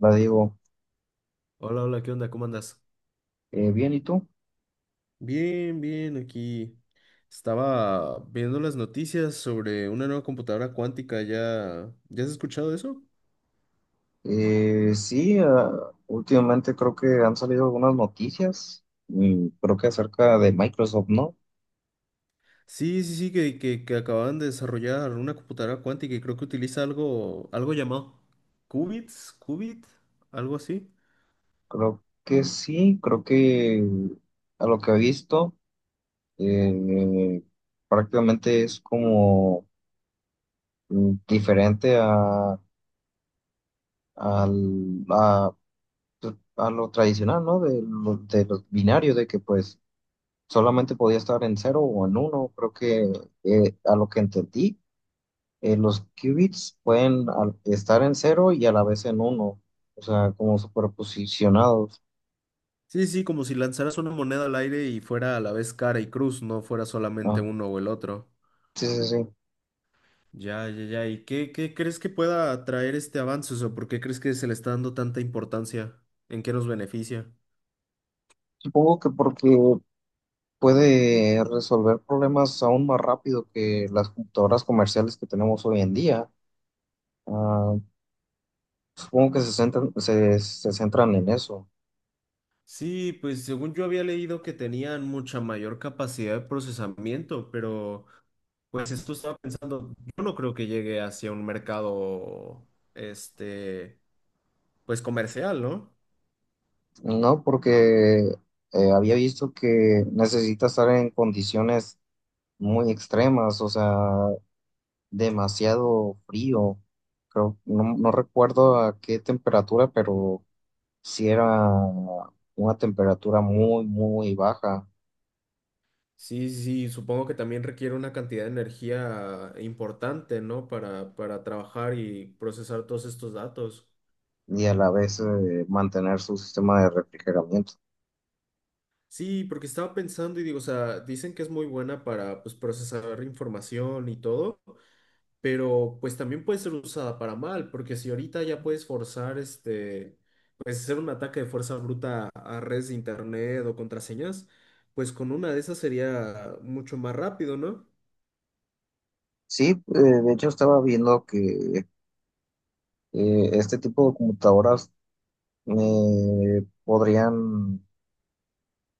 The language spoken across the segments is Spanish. La digo, Hola, hola, ¿qué onda? ¿Cómo andas? Bien, ¿y tú? Bien, bien, aquí estaba viendo las noticias sobre una nueva computadora cuántica. ¿Ya has escuchado eso? Sí, últimamente creo que han salido algunas noticias, creo que acerca de Microsoft, ¿no? Sí, sí, sí, que acaban de desarrollar una computadora cuántica y creo que utiliza algo llamado qubits, algo así. Creo que sí, creo que a lo que he visto, eh, prácticamente es como diferente a, a, pues, a lo tradicional, ¿no? De los binarios, de que pues solamente podía estar en cero o en uno, creo que a lo que entendí los qubits pueden estar en cero y a la vez en uno, o sea, como superposicionados. Sí, sí, como si lanzaras una moneda al aire y fuera a la vez cara y cruz, no fuera solamente Ah, uno o el otro. sí, sí, sí. Ya, ya, ya. ¿Y qué crees que pueda traer este avance? O sea, ¿por qué crees que se le está dando tanta importancia? ¿En qué nos beneficia? Supongo que porque puede resolver problemas aún más rápido que las computadoras comerciales que tenemos hoy en día. Ah, supongo que se centran en eso, Sí, pues según yo había leído que tenían mucha mayor capacidad de procesamiento, pero pues esto estaba pensando, yo no creo que llegue hacia un mercado, este, pues comercial, ¿no? ¿no? Porque había visto que necesita estar en condiciones muy extremas, o sea, demasiado frío. Creo, no, no recuerdo a qué temperatura, pero sí era una temperatura muy, muy baja Sí, sí, supongo que también requiere una cantidad de energía importante, ¿no? Para trabajar y procesar todos estos datos. y a la vez mantener su sistema de refrigeramiento. Sí, porque estaba pensando y digo, o sea, dicen que es muy buena para pues procesar información y todo, pero pues también puede ser usada para mal, porque si ahorita ya puedes forzar este, pues hacer un ataque de fuerza bruta a redes de internet o contraseñas, pues con una de esas sería mucho más rápido, ¿no? Sí, de hecho estaba viendo que este tipo de computadoras podrían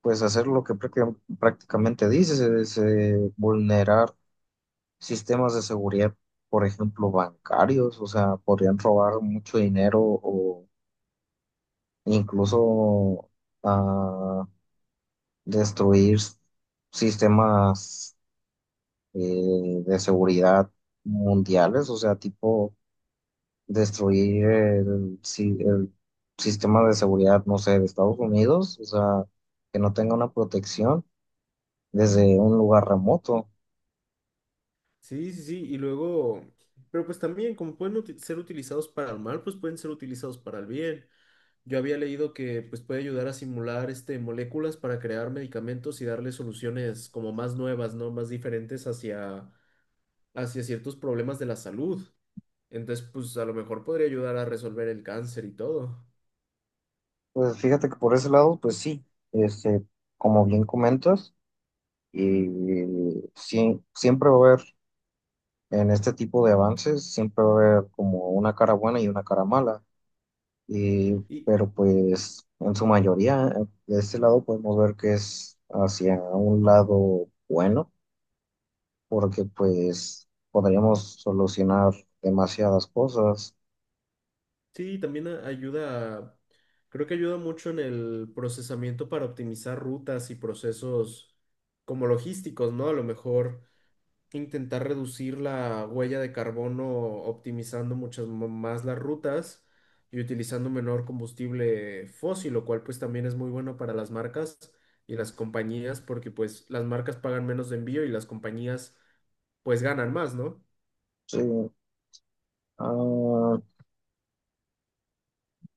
pues hacer lo que prácticamente dices, es vulnerar sistemas de seguridad, por ejemplo, bancarios, o sea, podrían robar mucho dinero o incluso ah, destruir sistemas de seguridad mundiales, o sea, tipo destruir el sistema de seguridad, no sé, de Estados Unidos, o sea, que no tenga una protección desde un lugar remoto. Sí, sí, sí, y luego, pero pues también como pueden ser utilizados para el mal, pues pueden ser utilizados para el bien. Yo había leído que pues, puede ayudar a simular este, moléculas para crear medicamentos y darle soluciones como más nuevas, ¿no? Más diferentes hacia ciertos problemas de la salud. Entonces, pues a lo mejor podría ayudar a resolver el cáncer y todo. Pues fíjate que por ese lado, pues sí, este, como bien comentas. Y sí, siempre va a haber, en este tipo de avances, siempre va a haber como una cara buena y una cara mala. Y, Y pero pues en su mayoría, de este lado podemos ver que es hacia un lado bueno, porque pues podríamos solucionar demasiadas cosas. sí, también ayuda, creo que ayuda mucho en el procesamiento para optimizar rutas y procesos como logísticos, ¿no? A lo mejor intentar reducir la huella de carbono optimizando muchas más las rutas y utilizando menor combustible fósil, lo cual pues también es muy bueno para las marcas y las compañías porque pues las marcas pagan menos de envío y las compañías pues ganan más, ¿no? Sí, ah,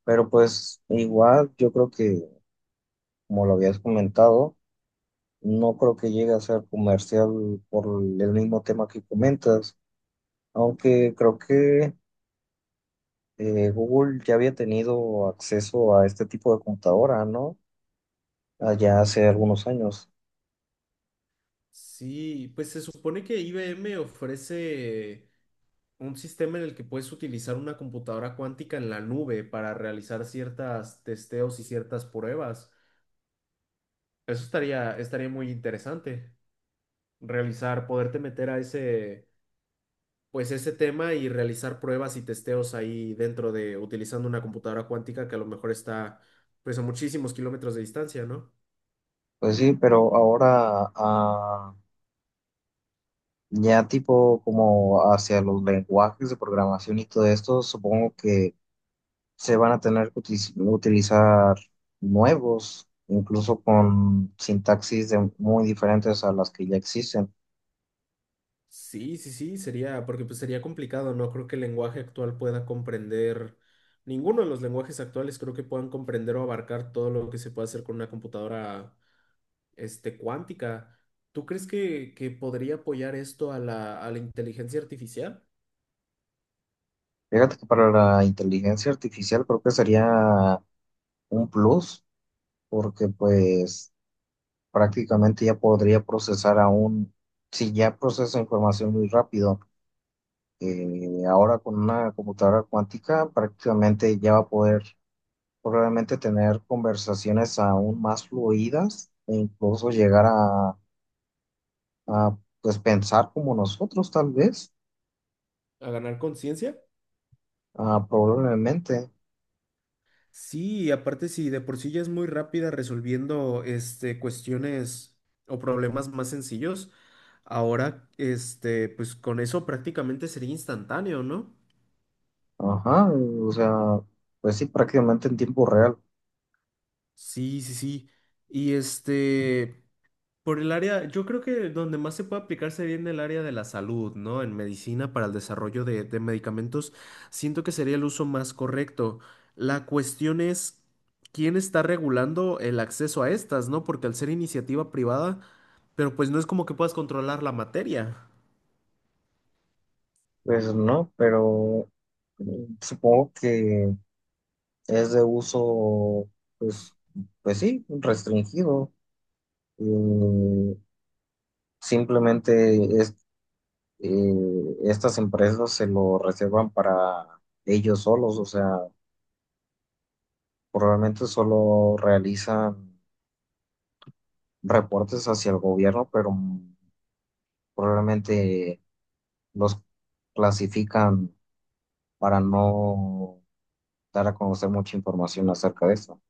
pero pues igual yo creo que, como lo habías comentado, no creo que llegue a ser comercial por el mismo tema que comentas. Aunque creo que Google ya había tenido acceso a este tipo de computadora, ¿no? Allá hace algunos años. Sí, pues se supone que IBM ofrece un sistema en el que puedes utilizar una computadora cuántica en la nube para realizar ciertas testeos y ciertas pruebas. Eso estaría muy interesante. Realizar, poderte meter a ese, pues ese tema y realizar pruebas y testeos ahí dentro de, utilizando una computadora cuántica que a lo mejor está, pues a muchísimos kilómetros de distancia, ¿no? Pues sí, pero ahora ya tipo como hacia los lenguajes de programación y todo esto, supongo que se van a tener que utilizar nuevos, incluso con sintaxis muy diferentes a las que ya existen. Sí, sí, sí, sería, porque pues sería complicado, no creo que el lenguaje actual pueda comprender, ninguno de los lenguajes actuales creo que puedan comprender o abarcar todo lo que se puede hacer con una computadora, este, cuántica. ¿Tú crees que podría apoyar esto a la inteligencia artificial? Fíjate que para la inteligencia artificial creo que sería un plus porque pues prácticamente ya podría procesar aún, si ya procesa información muy rápido, ahora con una computadora cuántica prácticamente ya va a poder probablemente tener conversaciones aún más fluidas e incluso llegar pues pensar como nosotros tal vez, ¿A ganar conciencia? Probablemente, Sí, y aparte si de por sí ya es muy rápida resolviendo este, cuestiones o problemas más sencillos, ahora este, pues con eso prácticamente sería instantáneo, ¿no? ajá, o sea, pues sí, prácticamente en tiempo real, Sí, sí, sí. Y este, por el área, yo creo que donde más se puede aplicarse bien el área de la salud, ¿no? En medicina para el desarrollo de medicamentos, siento que sería el uso más correcto. La cuestión es quién está regulando el acceso a estas, ¿no? Porque al ser iniciativa privada, pero pues no es como que puedas controlar la materia. pues no, pero eh, supongo que es de uso, pues, pues sí, restringido. Eh, simplemente es, eh, estas empresas se lo reservan para ellos solos, o sea, probablemente solo realizan reportes hacia el gobierno, pero probablemente los clasifican para no dar a conocer mucha información acerca de eso.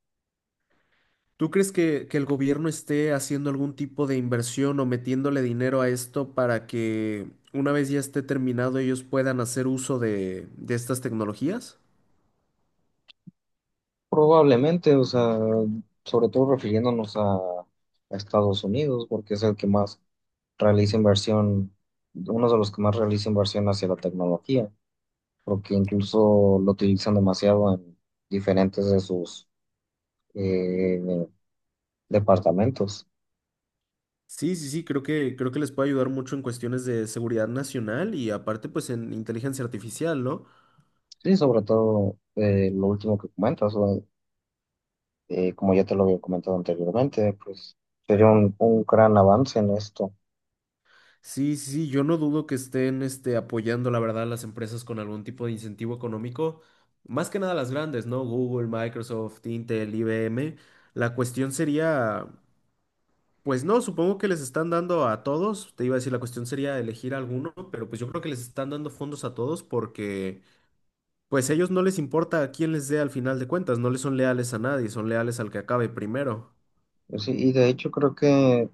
¿Tú crees que el gobierno esté haciendo algún tipo de inversión o metiéndole dinero a esto para que una vez ya esté terminado ellos puedan hacer uso de estas tecnologías? Probablemente, o sea, sobre todo refiriéndonos a Estados Unidos, porque es el que más realiza inversión, uno de los que más realiza inversión hacia la tecnología, porque incluso lo utilizan demasiado en diferentes de sus eh, departamentos. Sí, sí, sí, creo que les puede ayudar mucho en cuestiones de seguridad nacional y aparte pues en inteligencia artificial, ¿no? Sí, sobre todo lo último que comentas, o, como ya te lo había comentado anteriormente, pues sería un gran avance en esto. Sí, sí, sí, yo no dudo que estén este, apoyando, la verdad, a las empresas con algún tipo de incentivo económico, más que nada las grandes, ¿no? Google, Microsoft, Intel, IBM. La cuestión sería, pues no, supongo que les están dando a todos, te iba a decir, la cuestión sería elegir alguno, pero pues yo creo que les están dando fondos a todos porque... Pues a ellos no les importa a quién les dé al final de cuentas, no les son leales a nadie, son leales al que acabe primero. Sí, y de hecho creo que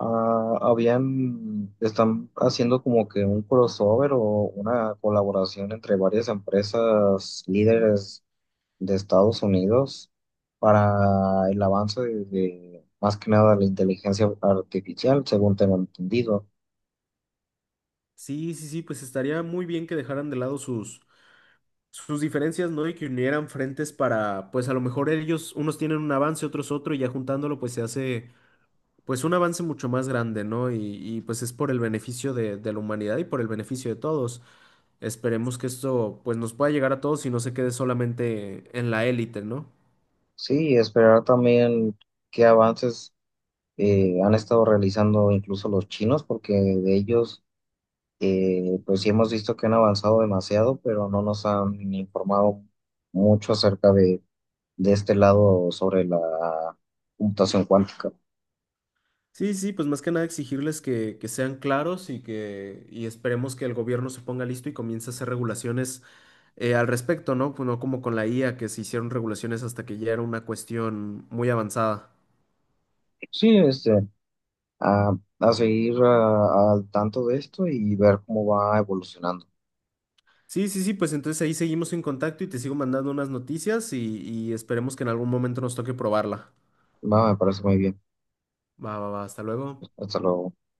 Están haciendo como que un crossover o una colaboración entre varias empresas líderes de Estados Unidos para el avance de más que nada la inteligencia artificial, según tengo entendido. Sí, sí, sí, pues estaría muy bien que dejaran de lado sus, sus diferencias, ¿no? Y que unieran frentes para, pues a lo mejor ellos, unos tienen un avance, otros otro, y ya juntándolo, pues se hace, pues un avance mucho más grande, ¿no? Y, pues es por el beneficio de la humanidad y por el beneficio de todos. Esperemos que esto, pues nos pueda llegar a todos y no se quede solamente en la élite, ¿no? Sí, y esperar también qué avances han estado realizando incluso los chinos, porque de ellos, pues sí hemos visto que han avanzado demasiado, pero no nos han informado mucho acerca de este lado sobre la computación cuántica. Sí, sí, pues más que nada exigirles que sean claros y que y esperemos que el gobierno se ponga listo y comience a hacer regulaciones al respecto, ¿no? Pues no como con la IA, que se hicieron regulaciones hasta que ya era una cuestión muy avanzada. Sí, a, a seguir al tanto de esto y ver cómo va evolucionando. Sí, sí, sí, pues entonces ahí seguimos en contacto y te sigo mandando unas noticias y esperemos que en algún momento nos toque probarla. Va, me parece muy bien. Va, va, va, hasta luego. Hasta luego.